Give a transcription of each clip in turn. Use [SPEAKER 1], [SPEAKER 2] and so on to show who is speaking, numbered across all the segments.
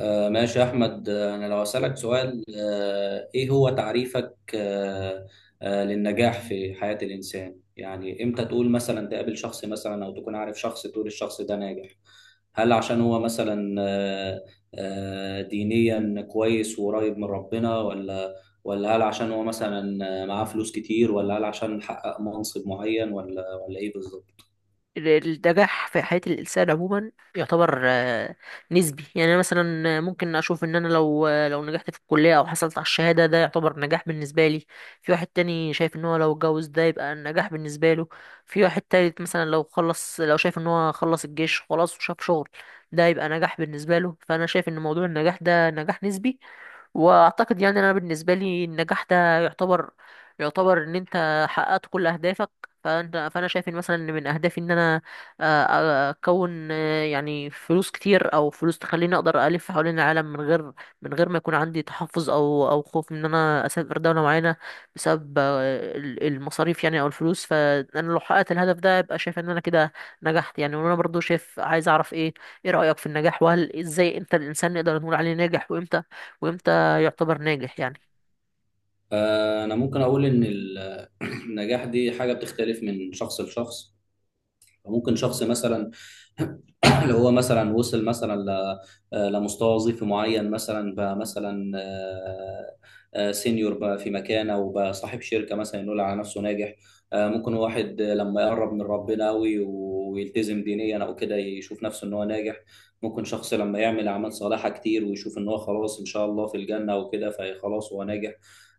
[SPEAKER 1] ماشي يا أحمد، أنا لو أسألك سؤال، إيه هو تعريفك للنجاح في حياة الإنسان؟ يعني إمتى تقول مثلا تقابل شخص مثلا أو تكون عارف شخص تقول الشخص ده ناجح؟ هل عشان هو مثلا دينيا كويس وقريب من ربنا، ولا هل عشان هو مثلا معاه فلوس كتير، ولا هل عشان حقق منصب معين، ولا إيه بالظبط؟
[SPEAKER 2] النجاح في حياة الإنسان عموما يعتبر نسبي. يعني أنا مثلا ممكن أشوف إن أنا لو نجحت في الكلية أو حصلت على الشهادة ده يعتبر نجاح بالنسبة لي. في واحد تاني شايف إن هو لو اتجوز ده يبقى نجاح بالنسبة له. في واحد تالت مثلا لو شايف إن هو خلص الجيش خلاص وشاف شغل ده يبقى نجاح بالنسبة له. فأنا شايف إن موضوع النجاح ده نجاح نسبي، واعتقد يعني انا بالنسبه لي النجاح ده يعتبر يعتبر ان انت حققت كل اهدافك. فانا شايف ان مثلا إن من اهدافي ان انا آه، اكون يعني فلوس كتير او فلوس تخليني اقدر الف حوالين العالم من غير ما يكون عندي تحفظ او خوف ان انا اسافر دوله معينه بسبب المصاريف يعني او الفلوس. فانا لو حققت الهدف ده يبقى شايف ان انا كده نجحت يعني. وانا برضو شايف عايز اعرف ايه رايك في النجاح؟ وهل ازاي امتى الانسان نقدر نقول عليه ناجح؟ وامتى يعتبر ناجح يعني؟
[SPEAKER 1] أنا ممكن أقول إن النجاح دي حاجة بتختلف من شخص لشخص. ممكن شخص مثلا اللي هو مثلا وصل مثلا لمستوى وظيفي معين مثلا، بقى مثلا سينيور بقى في مكانه، وبقى صاحب شركه مثلا يقول على نفسه ناجح. ممكن واحد لما يقرب من ربنا قوي ويلتزم دينيا او كده، يشوف نفسه ان هو ناجح. ممكن شخص لما يعمل اعمال صالحه كتير ويشوف ان هو خلاص ان شاء الله في الجنه وكده، فخلاص هو ناجح.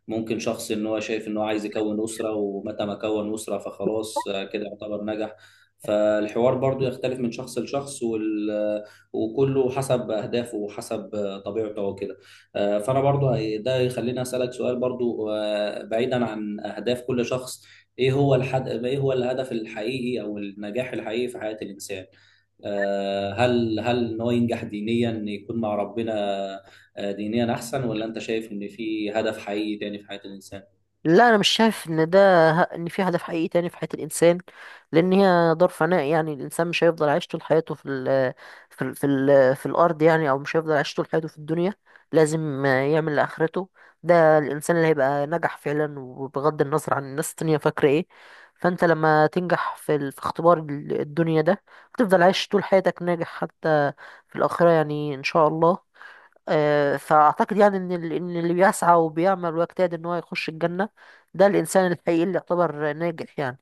[SPEAKER 1] ممكن شخص ان هو شايف ان هو عايز يكون اسره، ومتى ما كون اسره فخلاص كده يعتبر نجح. فالحوار برضو يختلف من شخص لشخص، وكله حسب أهدافه وحسب طبيعته وكده. فأنا برضو ده يخليني أسألك سؤال برضو، بعيدا عن أهداف كل شخص. إيه هو الهدف الحقيقي أو النجاح الحقيقي في حياة الإنسان؟ هل ان هو ينجح دينيا، إن يكون مع ربنا دينيا احسن، ولا انت شايف ان في هدف حقيقي تاني في حياة الانسان؟
[SPEAKER 2] لا انا مش شايف ان في هدف حقيقي تاني في حياة الانسان، لان هي دار فناء. يعني الانسان مش هيفضل عايش طول حياته في الارض يعني، او مش هيفضل عايش طول حياته في الدنيا. لازم يعمل لاخرته، ده الانسان اللي هيبقى نجح فعلا. وبغض النظر عن الناس التانية فاكرة ايه، فانت لما تنجح في اختبار الدنيا ده هتفضل عايش طول حياتك ناجح حتى في الاخرة يعني ان شاء الله. فأعتقد يعني إن إن اللي بيسعى وبيعمل ويجتهد إن هو يخش الجنة ده الإنسان الحقيقي اللي يعتبر ناجح يعني.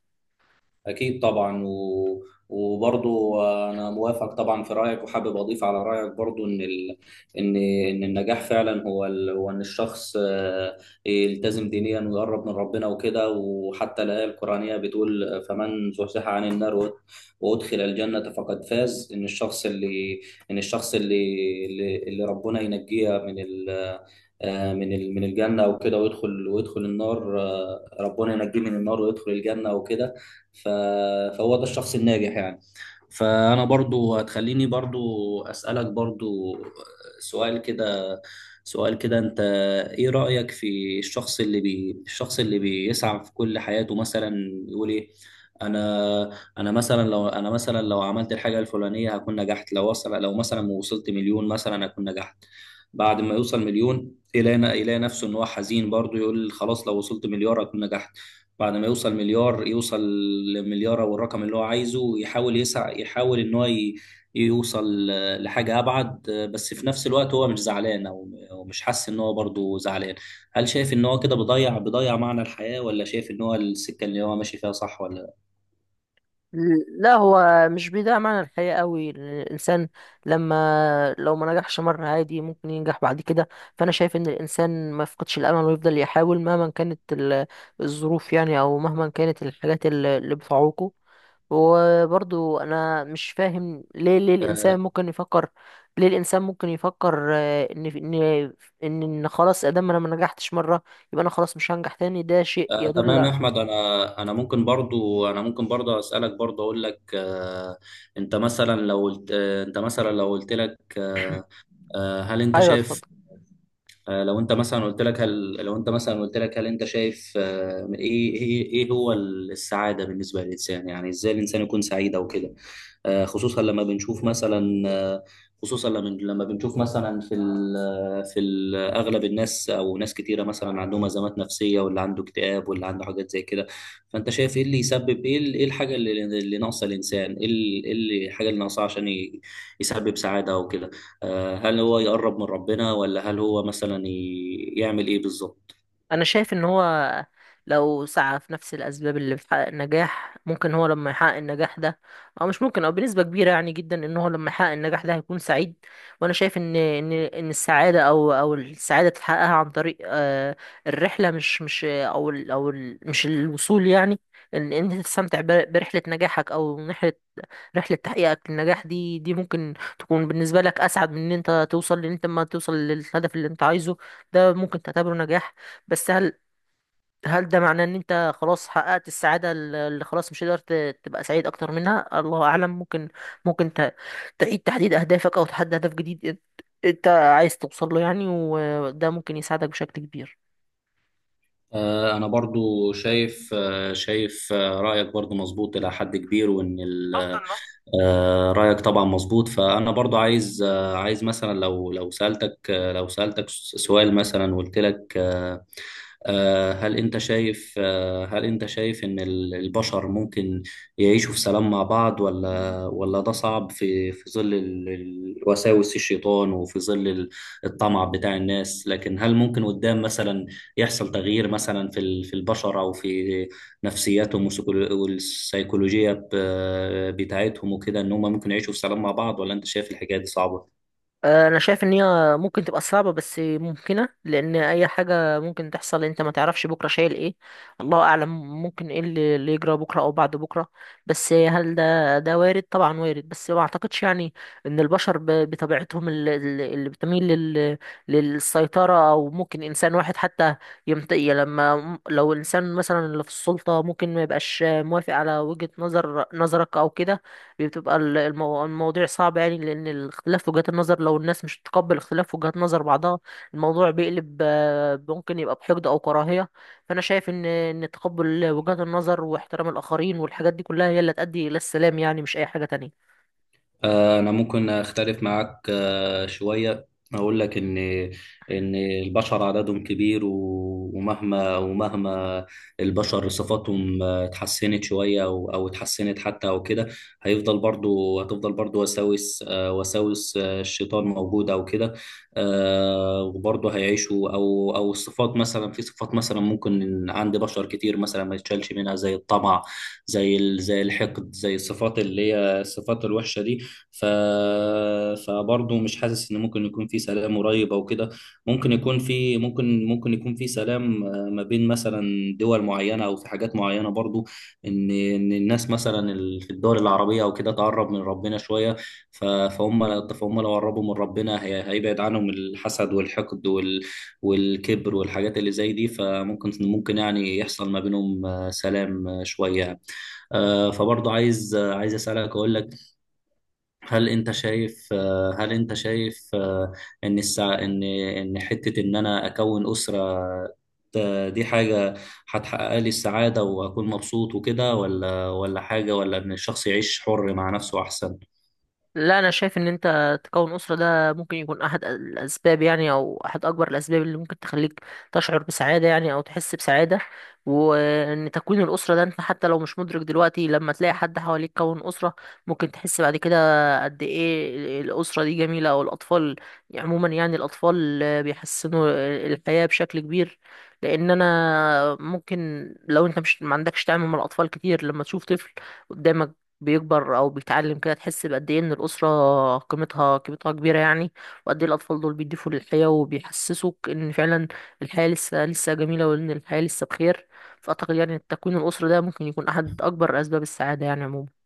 [SPEAKER 1] أكيد طبعا، وبرضو أنا موافق طبعا في رأيك، وحابب أضيف على رأيك برضو إن إن النجاح فعلا هو هو إن الشخص يلتزم دينيا ويقرب من ربنا وكده، وحتى الآية القرآنية بتقول: فمن زحزح عن النار وأدخل الجنة فقد فاز. إن الشخص اللي ربنا ينجيه من ال... آه، من ال... من الجنة وكده، ويدخل النار، ربنا ينجيه من النار ويدخل الجنة وكده. ف... فهو ده الشخص الناجح يعني. فأنا برضو هتخليني برضو أسألك برضو، سؤال كده سؤال كده أنت، إيه رأيك في الشخص الشخص اللي بيسعى في كل حياته مثلا، يقول إيه؟ أنا، أنا مثلا لو عملت الحاجة الفلانية هكون نجحت، لو مثلا وصلت مليون مثلا هكون نجحت. بعد ما يوصل مليون، يلاقي نفسه إن هو حزين برضو، يقول خلاص، لو وصلت مليار هكون نجحت. بعد ما يوصل مليار يوصل لمليار او الرقم اللي هو عايزه، يحاول يحاول ان هو يوصل لحاجه ابعد، بس في نفس الوقت هو مش زعلان، او مش حاسس ان هو برضه زعلان. هل شايف ان هو كده بيضيع معنى الحياه، ولا شايف ان هو السكه اللي هو ماشي فيها صح ولا لا؟
[SPEAKER 2] لا هو مش بيضيع معنى الحياة قوي. الإنسان لما لو ما نجحش مرة عادي ممكن ينجح بعد كده. فأنا شايف إن الإنسان ما يفقدش الأمل ويفضل يحاول مهما كانت الظروف يعني، أو مهما كانت الحاجات اللي بتعوقه. وبرضو انا مش فاهم ليه الانسان
[SPEAKER 1] آه
[SPEAKER 2] ممكن يفكر، ليه الانسان ممكن يفكر آه، ان ان ان إن خلاص ادام انا ما نجحتش مره يبقى انا خلاص مش هنجح تاني؟ ده شيء
[SPEAKER 1] تمام يا
[SPEAKER 2] يدل.
[SPEAKER 1] احمد، انا ممكن برضو اسالك برضو اقول لك: انت مثلا لو قلت لك، هل انت
[SPEAKER 2] ايوه اتفضل.
[SPEAKER 1] شايف آه، لو انت مثلا قلت لك، هل انت شايف، ايه هو السعاده بالنسبه للانسان، يعني ازاي الانسان يكون سعيد او كده؟ آه، خصوصا لما بنشوف مثلا آه، خصوصا لما بنشوف مثلا، في ال آه، في ال اغلب الناس او ناس كتيره مثلا عندهم ازمات نفسيه، واللي عنده اكتئاب واللي عنده حاجات زي كده. فانت شايف ايه اللي يسبب، ايه الحاجه اللي ناقصه الانسان، ايه ال- إيه اللي- الحاجه اللي ناقصه عشان يسبب سعاده وكده. هل هو يقرب من ربنا، ولا هل هو مثلا يعمل ايه بالظبط؟
[SPEAKER 2] انا شايف ان هو لو سعى في نفس الاسباب اللي بتحقق النجاح، ممكن هو لما يحقق النجاح ده، او مش ممكن، او بنسبه كبيره يعني جدا ان هو لما يحقق النجاح ده هيكون سعيد. وانا شايف ان السعاده او او السعاده تحققها عن طريق الرحله، مش مش او ال او ال مش الوصول يعني. ان انت تستمتع برحله نجاحك، او رحله تحقيقك للنجاح دي ممكن تكون بالنسبه لك اسعد من ان انت توصل. لان انت ما توصل للهدف اللي انت عايزه ده ممكن تعتبره نجاح. بس هل ده معناه ان انت خلاص حققت السعادة اللي خلاص مش هتقدر تبقى سعيد اكتر منها؟ الله اعلم. ممكن تعيد تحديد اهدافك، او تحدد هدف جديد إنت عايز توصل له يعني، وده ممكن يساعدك بشكل كبير.
[SPEAKER 1] أنا برضو شايف رأيك برضو مظبوط إلى حد كبير، وإن ال- آه، رأيك طبعا مظبوط. فأنا برضو عايز مثلا لو سألتك سؤال مثلا وقلت لك، هل انت شايف ان البشر ممكن يعيشوا في سلام مع بعض، ولا ده صعب، في ظل وساوس الشيطان، وفي ظل الطمع بتاع الناس. لكن هل ممكن قدام مثلا يحصل تغيير مثلا في البشر او في نفسياتهم، والسيكولوجية بتاعتهم وكده، ان هم ممكن يعيشوا في سلام مع بعض، ولا انت شايف الحكاية دي صعبة؟
[SPEAKER 2] انا شايف ان هي ممكن تبقى صعبه بس ممكنه، لان اي حاجه ممكن تحصل. انت ما تعرفش بكره شايل ايه، الله اعلم ممكن ايه اللي يجرى بكره او بعد بكره. بس هل ده وارد؟ طبعا وارد. بس ما اعتقدش يعني ان البشر بطبيعتهم اللي بتميل للسيطره، او ممكن انسان واحد حتى لما لو الانسان مثلا اللي في السلطه ممكن ما يبقاش موافق على وجهه نظرك او كده، بتبقى المواضيع صعبة يعني. لأن الاختلاف في وجهات النظر لو الناس مش تتقبل اختلاف في وجهات نظر بعضها الموضوع بيقلب، ممكن يبقى بحقد أو كراهية. فأنا شايف إن تقبل وجهات النظر واحترام الآخرين والحاجات دي كلها هي اللي هتؤدي إلى السلام يعني، مش أي حاجة تانية.
[SPEAKER 1] أنا ممكن أختلف معاك شوية، أقول لك إن البشر عددهم كبير، ومهما البشر صفاتهم اتحسنت شوية أو اتحسنت حتى أو كده، هيفضل برضو هتفضل برضو وساوس الشيطان موجودة أو كده. وبرضو هيعيشوا، أو الصفات مثلا في صفات مثلا ممكن إن عند بشر كتير مثلا ما يتشالش منها، زي الطمع، زي زي الحقد، زي الصفات اللي هي الصفات الوحشة دي. ف... فبرضه مش حاسس ان ممكن يكون في سلام قريب او كده. ممكن يكون في سلام، ما بين مثلا دول معينه، او في حاجات معينه برضه، ان الناس مثلا في الدول العربيه او كده تقرب من ربنا شويه. فهم لو قربوا من ربنا هيبعد عنهم الحسد والحقد والكبر والحاجات اللي زي دي، فممكن يعني يحصل ما بينهم سلام شويه. فبرضه عايز اسالك، اقول لك: هل انت شايف، ان حتة ان انا اكون اسرة، دي حاجة هتحقق لي السعادة وأكون مبسوط وكده، ولا حاجة، ولا إن الشخص يعيش حر مع نفسه أحسن؟
[SPEAKER 2] لا انا شايف ان انت تكون اسره ده ممكن يكون احد الاسباب يعني، او احد اكبر الاسباب اللي ممكن تخليك تشعر بسعاده يعني او تحس بسعاده. وان تكوين الاسره ده انت حتى لو مش مدرك دلوقتي لما تلاقي حد حواليك كون اسره ممكن تحس بعد كده قد ايه الاسره دي جميله، او الاطفال عموما يعني. الاطفال بيحسنوا الحياه بشكل كبير، لان انا ممكن لو انت مش ما عندكش تعامل مع الاطفال كتير، لما تشوف طفل قدامك بيكبر او بيتعلم كده تحس بقد ايه ان الاسره قيمتها كبيره يعني. وقد ايه الاطفال دول بيضيفوا للحياه وبيحسسوك ان فعلا الحياه لسه لسه جميله وان الحياه لسه بخير. فاعتقد يعني التكوين الاسري ده ممكن يكون احد اكبر اسباب السعاده يعني عموما.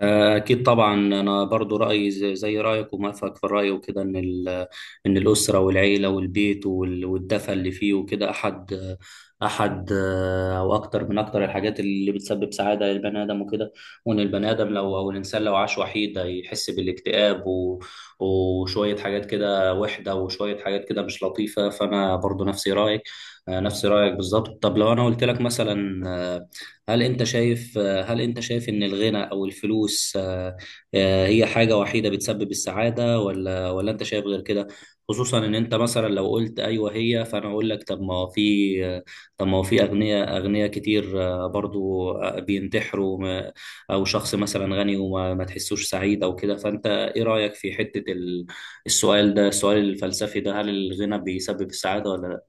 [SPEAKER 1] أكيد طبعا، أنا برضو رأيي زي رأيك وموافقك في الرأي وكده، إن الأسرة والعيلة والبيت والدفى اللي فيه وكده، أحد أو أكتر من أكتر الحاجات اللي بتسبب سعادة للبني آدم وكده. وإن البني آدم لو أو الإنسان لو عاش وحيد هيحس بالاكتئاب، وشوية حاجات كده وحدة، وشوية حاجات كده مش لطيفة. فأنا برضو نفس رأيك بالظبط. طب لو أنا قلت لك مثلا، هل أنت شايف هل أنت شايف إن الغنى أو الفلوس، هي حاجة وحيدة بتسبب السعادة، ولا أنت شايف غير كده؟ خصوصا إن أنت مثلا لو قلت أيوه هي، فأنا أقول لك: طب ما هو في أغنياء كتير برضو بينتحروا، أو شخص مثلا غني وما ما تحسوش سعيد أو كده. فأنت إيه رأيك في حتة السؤال الفلسفي ده: هل الغنى بيسبب السعادة ولا لا؟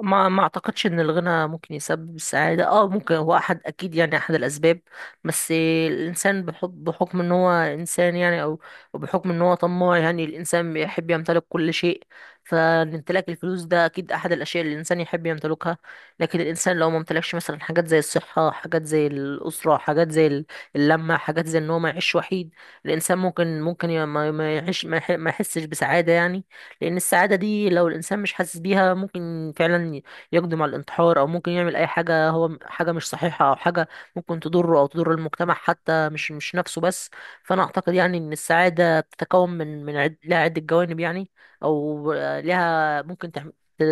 [SPEAKER 2] ما اعتقدش ان الغنى ممكن يسبب السعاده. اه ممكن هو احد، اكيد يعني احد الاسباب، بس الانسان بحكم ان هو انسان يعني، او بحكم ان هو طماع، يعني الانسان بيحب يمتلك كل شيء. فامتلاك الفلوس ده اكيد احد الاشياء اللي الانسان يحب يمتلكها. لكن الانسان لو ما امتلكش مثلا حاجات زي الصحه، حاجات زي الاسره، حاجات زي اللمه، حاجات زي ان هو ما يعيش وحيد، الانسان ممكن ي- ما ما يعيش ما يح- ما يحسش بسعاده يعني. لأن السعادة دي لو الإنسان مش حاسس بيها ممكن فعلا يقدم على الانتحار، أو ممكن يعمل أي حاجة هو حاجة مش صحيحة، أو حاجة ممكن تضره أو تضر المجتمع حتى، مش نفسه بس. فأنا أعتقد يعني إن السعادة بتتكون لها عدة جوانب يعني، أو لها ممكن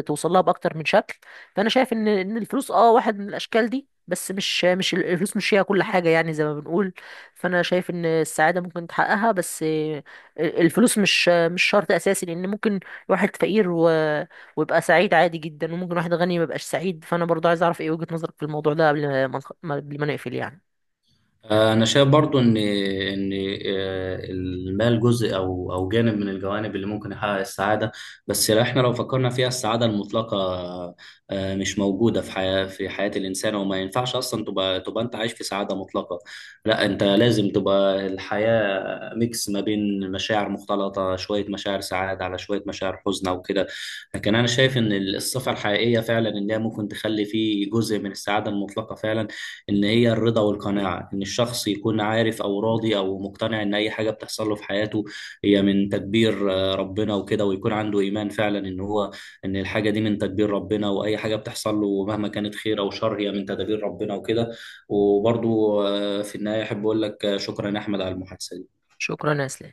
[SPEAKER 2] توصل لها بأكتر من شكل. فأنا شايف إن الفلوس أه واحد من الأشكال دي، بس مش الفلوس مش هي كل حاجة يعني زي ما بنقول. فأنا شايف إن السعادة ممكن تحققها، بس الفلوس مش شرط اساسي. لان ممكن واحد فقير ويبقى سعيد عادي جدا، وممكن واحد غني ما يبقاش سعيد. فانا برضه عايز اعرف ايه وجهة نظرك في الموضوع ده قبل ما نقفل يعني.
[SPEAKER 1] انا شايف برضو ان المال جزء او جانب من الجوانب اللي ممكن يحقق السعاده. بس لو فكرنا فيها السعاده المطلقه، مش موجوده في حياه الانسان، وما ينفعش اصلا تبقى انت عايش في سعاده مطلقه. لا، انت لازم تبقى الحياه ميكس ما بين مشاعر مختلطة، شوية مشاعر سعادة على شوية مشاعر حزن وكده. لكن أنا شايف إن الصفة الحقيقية فعلا، إن هي ممكن تخلي فيه جزء من السعادة المطلقة فعلا، إن هي الرضا والقناعة، إن الشخص يكون عارف أو راضي أو مقتنع إن أي حاجة بتحصل له في حياته هي من تدبير ربنا وكده، ويكون عنده إيمان فعلا إن الحاجة دي من تدبير ربنا، وأي حاجة بتحصل له مهما كانت خير أو شر هي من تدابير ربنا وكده. وبرضو، في النهاية أحب أقول لك، شكرا يا أحمد على المحادثة دي.
[SPEAKER 2] شكرا يا اسلام.